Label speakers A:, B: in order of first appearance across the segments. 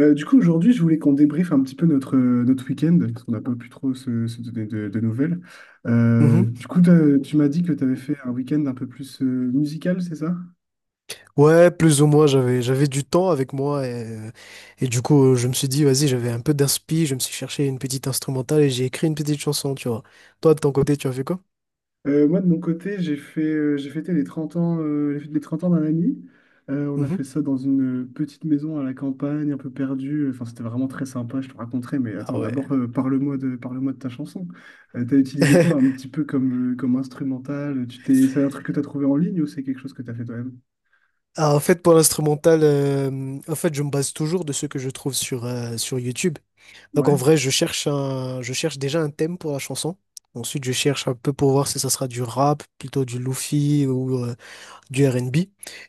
A: Du coup, aujourd'hui, je voulais qu'on débriefe un petit peu notre week-end, parce qu'on n'a pas pu trop se donner de nouvelles.
B: Mhm.
A: Du coup, tu m'as dit que tu avais fait un week-end un peu plus musical, c'est ça?
B: Ouais, plus ou moins, j'avais du temps avec moi euh, et du coup, je me suis dit, vas-y, j'avais un peu d'inspi, je me suis cherché une petite instrumentale et j'ai écrit une petite chanson, tu vois. Toi, de ton côté, tu as fait quoi?
A: Moi, de mon côté, j'ai fêté les fêtes des 30 ans d'un ami. On a fait
B: Mhm.
A: ça dans une petite maison à la campagne, un peu perdue. Enfin, c'était vraiment très sympa, je te raconterai. Mais attends,
B: Ah ouais.
A: d'abord, parle-moi de ta chanson. T'as utilisé quoi un petit peu comme instrumental? C'est un truc que t'as trouvé en ligne ou c'est quelque chose que t'as fait toi-même?
B: Ah, en fait, pour l'instrumental, en fait, je me base toujours de ce que je trouve sur YouTube. Donc, en vrai, je cherche déjà un thème pour la chanson. Ensuite, je cherche un peu pour voir si ça sera du rap, plutôt du lofi ou, du R&B.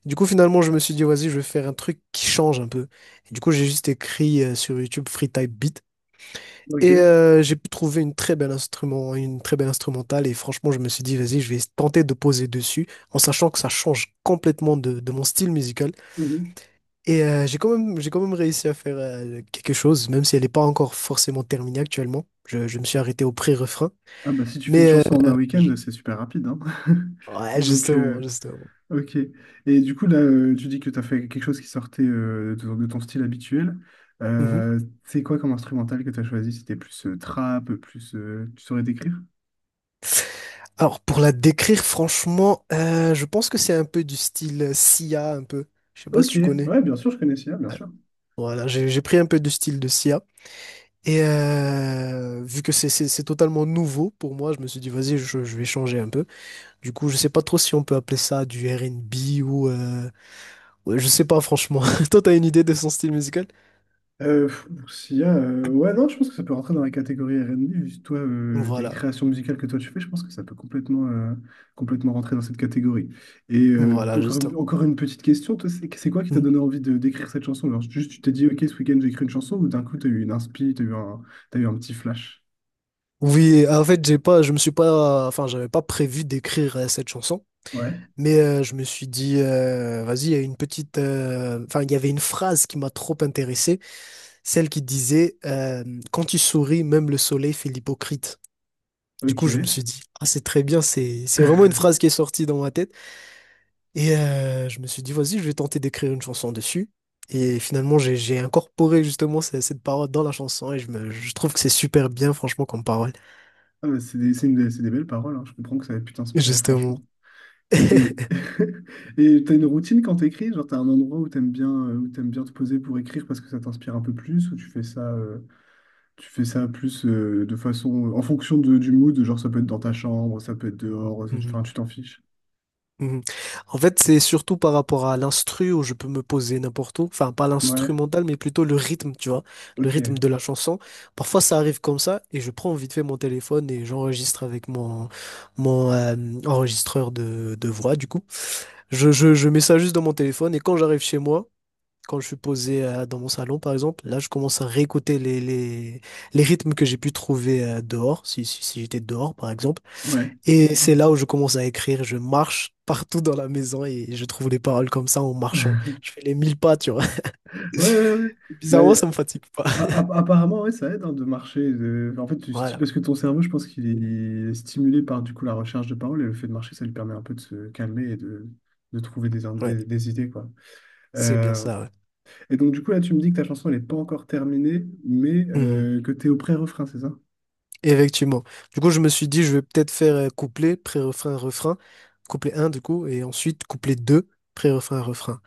B: Du coup, finalement, je me suis dit, vas-y, je vais faire un truc qui change un peu. Et du coup, j'ai juste écrit sur YouTube Free Type Beat. Et
A: Ok.
B: j'ai pu trouver une très belle instrumentale. Et franchement, je me suis dit, vas-y, je vais tenter de poser dessus, en sachant que ça change complètement de mon style musical.
A: Mhm.
B: Et j'ai quand même réussi à faire quelque chose, même si elle n'est pas encore forcément terminée actuellement. Je me suis arrêté au pré-refrain.
A: Ah bah si tu fais une
B: Mais
A: chanson en un
B: euh,
A: week-end,
B: je-
A: c'est super rapide, hein.
B: ouais,
A: Donc,
B: justement, justement.
A: ok. Et du coup, là, tu dis que tu as fait quelque chose qui sortait de ton style habituel.
B: Mhm.
A: Euh, c'est quoi comme instrumental que tu as choisi? C'était plus trap, plus tu saurais décrire?
B: Alors, pour la décrire, franchement, je pense que c'est un peu du style Sia, un peu. Je sais pas si
A: Ok,
B: tu connais.
A: ouais, bien sûr, je connais Sia, bien
B: Ouais.
A: sûr.
B: Voilà, j'ai pris un peu du style de Sia. Et vu que c'est totalement nouveau pour moi, je me suis dit, vas-y, je vais changer un peu. Du coup, je sais pas trop si on peut appeler ça du R&B ou, ouais, je sais pas, franchement. Toi, t'as une idée de son style musical?
A: Ouais, non, je pense que ça peut rentrer dans la catégorie R R&B. Juste toi, les
B: Voilà,
A: créations musicales que toi tu fais, je pense que ça peut complètement rentrer dans cette catégorie. Et
B: voilà, justement.
A: encore une petite question, toi, c'est quoi qui t'a donné
B: Mhm.
A: envie de d'écrire cette chanson? Alors, juste, tu t'es dit, ok, ce week-end, j'écris une chanson, ou d'un coup, t'as eu une inspi, t'as eu un petit flash.
B: Oui, en fait, j'ai pas, je me suis pas. Enfin, j'avais pas prévu d'écrire cette chanson.
A: Ouais,
B: Mais je me suis dit, vas-y, il y a une petite. Enfin, il y avait une phrase qui m'a trop intéressé, celle qui disait quand tu souris, même le soleil fait l'hypocrite. Du
A: ok.
B: coup, je me suis dit, ah, c'est très bien, c'est vraiment une phrase qui est sortie dans ma tête. Et je me suis dit, vas-y, je vais tenter d'écrire une chanson dessus. Et finalement, j'ai incorporé justement cette parole dans la chanson et je trouve que c'est super bien, franchement, comme parole.
A: Ah, bah, c'est des belles paroles, hein. Je comprends que ça ait pu t'inspirer,
B: Justement.
A: franchement. Et t'as une routine quand t'écris? Genre t'as un endroit où t'aimes bien te poser pour écrire parce que ça t'inspire un peu plus ou tu fais ça plus de façon en fonction du mood, genre ça peut être dans ta chambre, ça peut être dehors, enfin
B: Mhm.
A: tu t'en fiches.
B: Mhm. En fait, c'est surtout par rapport à l'instru où je peux me poser n'importe où. Enfin, pas
A: Ouais,
B: l'instrumental, mais plutôt le rythme, tu vois. Le rythme
A: ok,
B: de la chanson. Parfois, ça arrive comme ça et je prends vite fait mon téléphone et j'enregistre avec mon enregistreur de voix, du coup. Je mets ça juste dans mon téléphone et quand j'arrive chez moi, quand je suis posé dans mon salon, par exemple, là, je commence à réécouter les rythmes que j'ai pu trouver dehors, si j'étais dehors, par exemple.
A: ouais.
B: Et c'est là où je commence à écrire. Je marche partout dans la maison et je trouve les paroles comme ça en marchant. Je fais les mille pas, tu vois.
A: Ouais, ouais, ouais.
B: Et bizarrement,
A: Mais,
B: ça me fatigue pas.
A: apparemment, ouais, ça aide hein, de marcher. En fait,
B: Voilà,
A: parce que ton cerveau, je pense qu'il est stimulé par du coup la recherche de paroles et le fait de marcher, ça lui permet un peu de se calmer et de trouver des, in-
B: ouais,
A: des, des idées, quoi.
B: c'est bien
A: Euh,
B: ça, ouais.
A: Et donc, du coup, là, tu me dis que ta chanson, elle n'est pas encore terminée, mais
B: Mhm.
A: que tu es au pré-refrain, c'est ça?
B: Effectivement. Du coup, je me suis dit, je vais peut-être faire couplet, pré-refrain, refrain. Couplet un, du coup, et ensuite couplet 2, pré-refrain, refrain.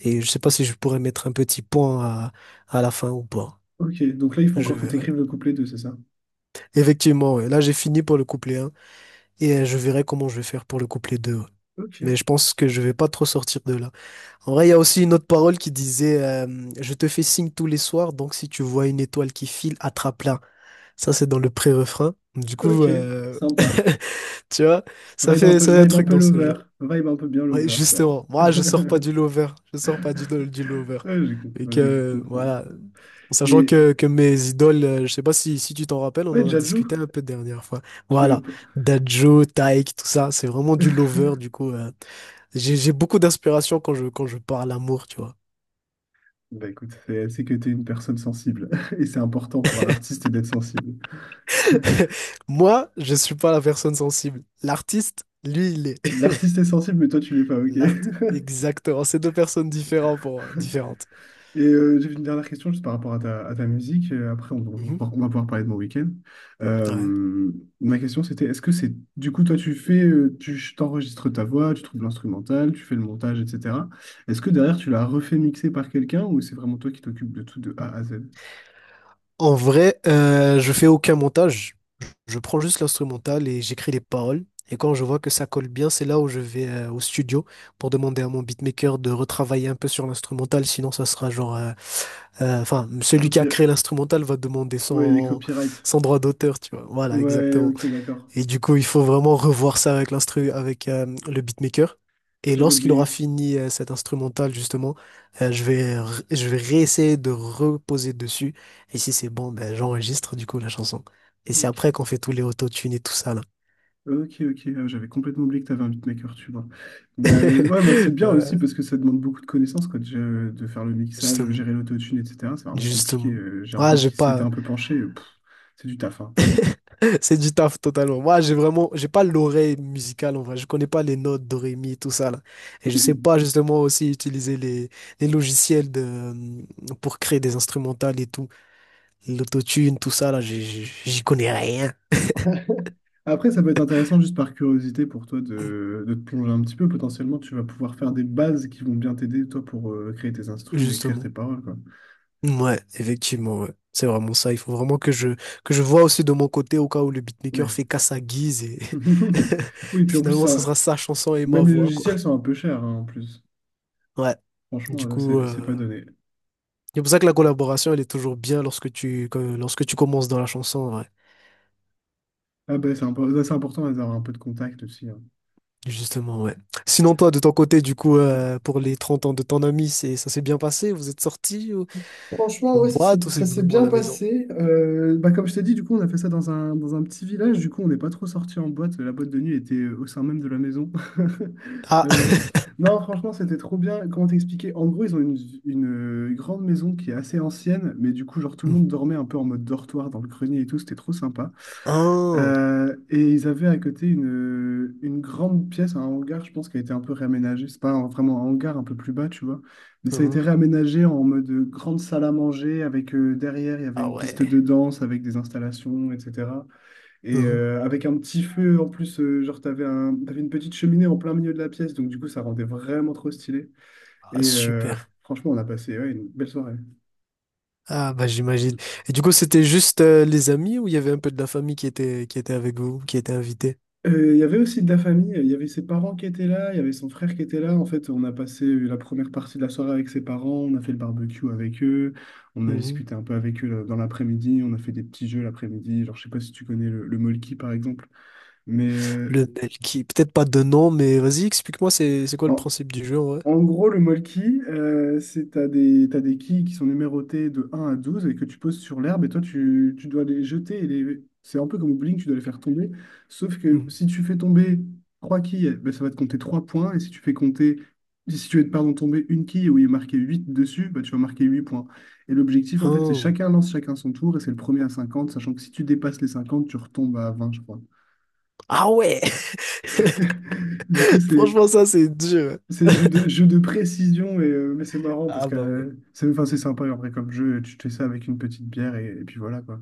B: Et je sais pas si je pourrais mettre un petit point à la fin ou pas.
A: Ok, donc là, il faut
B: Je
A: encore que tu
B: verrai.
A: écrives le couplet deux, c'est ça?
B: Effectivement, ouais. Là, j'ai fini pour le couplet un. Et je verrai comment je vais faire pour le couplet 2. Ouais.
A: Ok,
B: Mais je pense que je vais pas trop sortir de là. En vrai, il y a aussi une autre parole qui disait je te fais signe tous les soirs, donc si tu vois une étoile qui file, attrape-la. Ça, c'est dans le pré-refrain. Du coup,
A: ok, sympa.
B: tu vois, ça fait, ça fait un
A: Vibe un
B: truc
A: peu
B: dans ce
A: lover,
B: genre.
A: vibe un peu bien
B: Ouais,
A: lover, quoi.
B: justement, moi je sors pas du lover, je sors pas du lover.
A: Ouais,
B: Et
A: ouais, j'ai cru
B: que
A: comprendre.
B: voilà, en sachant
A: Et
B: que mes idoles, je sais pas si tu t'en rappelles, on
A: ouais,
B: en a
A: Jadju,
B: discuté un peu dernière fois.
A: tu m'avais
B: Voilà,
A: pas...
B: Dadjo, Taïk, tout ça, c'est vraiment du lover, du coup, j'ai beaucoup d'inspiration quand je parle amour, tu vois.
A: Bah écoute, c'est que t'es une personne sensible. Et c'est important pour un artiste d'être sensible.
B: Moi, je suis pas la personne sensible. L'artiste, lui, il est.
A: L'artiste est sensible, mais toi, tu l'es pas, ok?
B: L'artiste, exactement, c'est deux personnes différentes différentes.
A: Et j'ai une dernière question juste par rapport à ta musique. Après,
B: Mhm.
A: on va pouvoir parler de mon week-end.
B: Ouais.
A: Euh, Ma question, c'était, est-ce que c'est... Du coup, toi, tu t'enregistres ta voix, tu trouves l'instrumental, tu fais le montage, etc. Est-ce que derrière, tu l'as refait mixer par quelqu'un ou c'est vraiment toi qui t'occupes de tout de A à Z?
B: En vrai, je fais aucun montage. Je prends juste l'instrumental et j'écris les paroles. Et quand je vois que ça colle bien, c'est là où je vais au studio pour demander à mon beatmaker de retravailler un peu sur l'instrumental. Sinon, ça sera genre, enfin, celui qui a
A: Copy...
B: créé l'instrumental va demander
A: Ouais, les
B: son,
A: copyrights.
B: son droit d'auteur, tu vois. Voilà,
A: Ouais,
B: exactement.
A: ok, d'accord.
B: Et du coup, il faut vraiment revoir ça avec l'instru, avec le beatmaker. Et
A: J'avais
B: lorsqu'il aura
A: oublié.
B: fini cette instrumental, justement, je vais réessayer de reposer dessus. Et si c'est bon, ben, j'enregistre du coup la chanson. Et c'est
A: Ok.
B: après qu'on fait tous les autotunes et tout ça, là.
A: Ok, ok, ah, j'avais complètement oublié que tu avais un beatmaker, tu vois. Bah, ouais, bah, c'est bien aussi
B: Ouais,
A: parce que ça demande beaucoup de connaissances, quoi, déjà, de faire le mixage,
B: justement.
A: gérer l'autotune, etc. C'est vraiment compliqué.
B: Justement.
A: J'ai un
B: Ah,
A: pote
B: j'ai
A: qui s'y était
B: pas.
A: un peu penché, c'est du taf, hein.
B: C'est du taf totalement. Moi, j'ai pas l'oreille musicale en vrai. Je connais pas les notes, do, ré, mi, tout ça là. Et je sais
A: Mhm.
B: pas justement aussi utiliser les logiciels pour créer des instrumentales et tout. L'autotune, tout ça là, j'y connais rien,
A: Après, ça peut être intéressant juste par curiosité pour toi de te plonger un petit peu. Potentiellement, tu vas pouvoir faire des bases qui vont bien t'aider, toi, pour créer tes instrus et écrire tes
B: justement.
A: paroles, quoi.
B: Ouais, effectivement, ouais. C'est vraiment ça. Il faut vraiment que je vois aussi de mon côté au cas où le beatmaker
A: Mais...
B: fait qu'à sa guise et
A: Oui, puis en plus,
B: finalement, ça
A: ça,
B: sera sa chanson et ma
A: même les
B: voix, quoi.
A: logiciels sont un peu chers, hein, en plus.
B: Ouais.
A: Franchement,
B: Du coup,
A: c'est pas
B: euh,
A: donné.
B: C'est pour ça que la collaboration, elle est toujours bien lorsque tu commences dans la chanson, ouais.
A: Ah ben, c'est important d'avoir un peu de contact aussi, hein.
B: Justement, ouais. Sinon, toi, de ton côté, du coup, pour les 30 ans de ton ami, ça s'est bien passé? Vous êtes sortis ou
A: Franchement,
B: en
A: ouais, ça s'est
B: boîte ou
A: ça
B: c'est
A: s'est
B: vraiment à
A: bien
B: la maison?
A: passé. Bah, comme je t'ai dit, du coup, on a fait ça dans un petit village. Du coup, on n'est pas trop sorti en boîte. La boîte de nuit était au sein même de la maison.
B: Ah!
A: Euh, non, franchement, c'était trop bien. Comment t'expliquer? En gros, ils ont grande maison qui est assez ancienne, mais du coup, genre, tout le monde
B: Mhm.
A: dormait un peu en mode dortoir dans le grenier et tout. C'était trop sympa.
B: Ah.
A: Et ils avaient à côté une grande pièce, un hangar, je pense, qui a été un peu réaménagé. C'est pas vraiment un hangar un peu plus bas, tu vois. Mais ça a été
B: Mhm.
A: réaménagé en mode grande salle à manger, avec derrière, il y avait
B: Ah
A: une piste
B: ouais.
A: de danse avec des installations, etc. Et
B: Mhm.
A: avec un petit feu en plus, genre, t'avais une petite cheminée en plein milieu de la pièce, donc du coup, ça rendait vraiment trop stylé.
B: Ah,
A: Et
B: super.
A: franchement, on a passé, ouais, une belle soirée.
B: Ah, bah, j'imagine. Et du coup, c'était juste les amis ou il y avait un peu de la famille qui était avec vous, qui était invitée?
A: Il y avait aussi de la famille, il y avait ses parents qui étaient là, il y avait son frère qui était là. En fait, on a passé la première partie de la soirée avec ses parents, on a fait le barbecue avec eux, on a
B: Mhm.
A: discuté un peu avec eux là, dans l'après-midi, on a fait des petits jeux l'après-midi. Genre, je sais pas si tu connais le Molki par exemple, mais
B: Le mail qui, peut-être pas de nom, mais vas-y, explique-moi, c'est quoi le
A: en,
B: principe du jeu, ouais?
A: en gros, le molki, c'est t'as des quilles qui sont numérotées de 1 à 12 et que tu poses sur l'herbe et toi, tu dois les jeter. C'est un peu comme au bowling, tu dois les faire tomber. Sauf que
B: Mhm.
A: si tu fais tomber trois quilles, ben, ça va te compter 3 points. Et si tu fais, pardon, tomber une quille où il est marqué 8 dessus, ben, tu vas marquer 8 points. Et l'objectif, en fait, c'est
B: Ah.
A: chacun lance chacun son tour et c'est le premier à 50. Sachant que si tu dépasses les 50, tu retombes à 20, je crois.
B: Ah ouais!
A: Du coup, c'est
B: Franchement, ça, c'est dur.
A: C'est jeu de précision, et, mais c'est marrant parce
B: Ah
A: que
B: bah ouais.
A: c'est enfin, c'est sympa après comme jeu, tu te fais ça avec une petite bière et puis voilà quoi.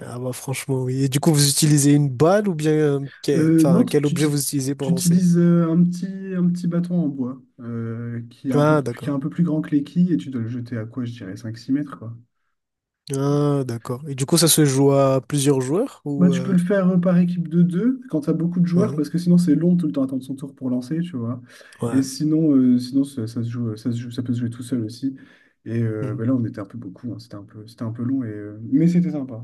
B: Ah bah franchement, oui. Et du coup, vous utilisez une balle ou bien
A: Non,
B: enfin, quel objet vous utilisez pour
A: tu
B: lancer?
A: utilises un petit bâton en bois
B: Ah
A: qui est
B: d'accord.
A: un peu plus grand que les quilles et tu dois le jeter à quoi, je dirais cinq six mètres quoi.
B: Ah d'accord. Et du coup, ça se joue à plusieurs joueurs
A: Bah,
B: ou
A: tu peux le faire par équipe de deux quand tu as beaucoup de joueurs
B: mhm.
A: parce que sinon c'est long de tout le temps attendre son tour pour lancer, tu vois.
B: Ouais.
A: Sinon ça se joue, ça peut se jouer tout seul aussi. Et
B: Mhm.
A: bah, là on était un peu beaucoup, hein, c'était un peu long, mais c'était sympa.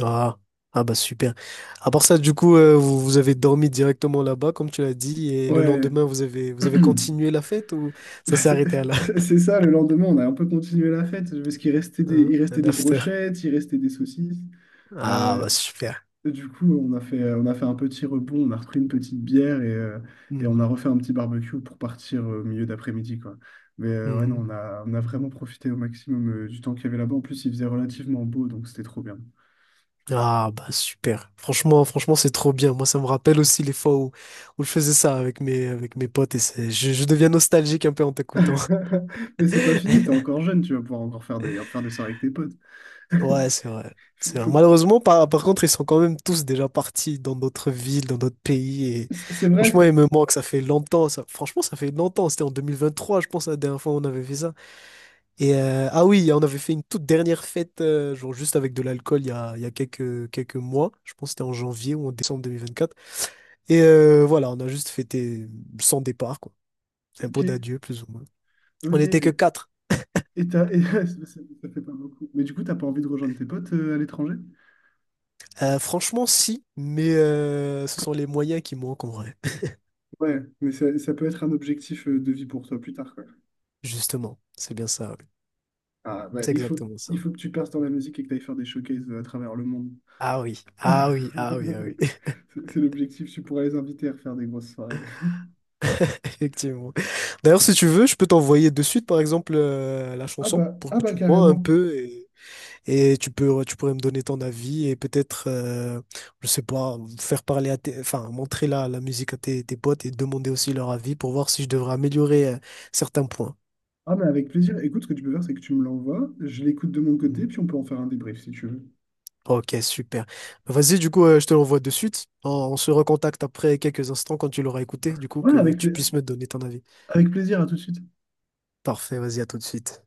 B: Ah. Ah bah super. À part ça, du coup, vous avez dormi directement là-bas, comme tu l'as dit, et le
A: Ouais.
B: lendemain, vous avez continué la fête ou ça
A: Bah,
B: s'est
A: c'est
B: arrêté à là?
A: c'est ça, le lendemain, on a un peu continué la fête, parce il
B: Hein,
A: restait
B: un
A: des
B: after.
A: brochettes, il restait des saucisses.
B: Ah
A: Euh,
B: bah super.
A: du coup, on a fait un petit rebond, on a repris une petite bière et on
B: Mhm.
A: a refait un petit barbecue pour partir au milieu d'après-midi, quoi. Mais ouais, non,
B: Mhm.
A: on a vraiment profité au maximum du temps qu'il y avait là-bas. En plus, il faisait relativement beau, donc c'était trop bien.
B: Ah bah super. Franchement, franchement, c'est trop bien. Moi, ça me rappelle aussi les fois où je faisais ça avec mes potes et je deviens nostalgique un peu en t'écoutant.
A: Mais c'est pas fini, t'es encore jeune, tu vas pouvoir encore faire des soirées avec tes potes.
B: Ouais, c'est vrai.
A: Faut-
B: C'est vrai.
A: faut-
B: Malheureusement, par contre, ils sont quand même tous déjà partis dans d'autres villes, dans d'autres pays. Et
A: c'est vrai?
B: franchement, ils me manquent. Ça fait longtemps. Ça, franchement, ça fait longtemps. C'était en 2023, je pense, la dernière fois où on avait fait ça. Et ah oui, on avait fait une toute dernière fête, genre juste avec de l'alcool, il y a quelques mois. Je pense que c'était en janvier ou en décembre 2024. Et voilà, on a juste fêté son départ, quoi. C'est un pot
A: Ok,
B: d'adieu, plus ou moins. On n'était que
A: ok.
B: quatre.
A: Et ça fait pas beaucoup. Mais du coup, t'as pas envie de rejoindre tes potes à l'étranger?
B: Franchement, si, mais ce sont les moyens qui manquent en vrai.
A: Ouais, mais ça peut être un objectif de vie pour toi plus tard, quoi.
B: Justement, c'est bien ça, oui.
A: Ah, bah,
B: C'est exactement ça.
A: il faut que tu perces dans la musique et que tu ailles faire des showcases à travers le monde.
B: Ah oui, ah oui, ah oui, ah oui,
A: C'est l'objectif, tu pourras les inviter à faire des grosses soirées.
B: effectivement. D'ailleurs, si tu veux, je peux t'envoyer de suite, par exemple, la chanson pour
A: Ah
B: que
A: bah
B: tu vois un
A: carrément.
B: peu. Et tu pourrais me donner ton avis et peut-être, je sais pas, faire parler à enfin, montrer la musique à tes potes et demander aussi leur avis pour voir si je devrais améliorer, certains points.
A: Ah mais avec plaisir. Écoute, ce que tu peux faire, c'est que tu me l'envoies, je l'écoute de mon côté,
B: Mm.
A: puis on peut en faire un débrief si tu veux.
B: Ok, super. Vas-y, du coup, je te l'envoie de suite. On se recontacte après quelques instants quand tu l'auras écouté, du coup,
A: Ouais,
B: que tu puisses me donner ton avis.
A: avec plaisir, à tout de suite.
B: Parfait, vas-y, à tout de suite.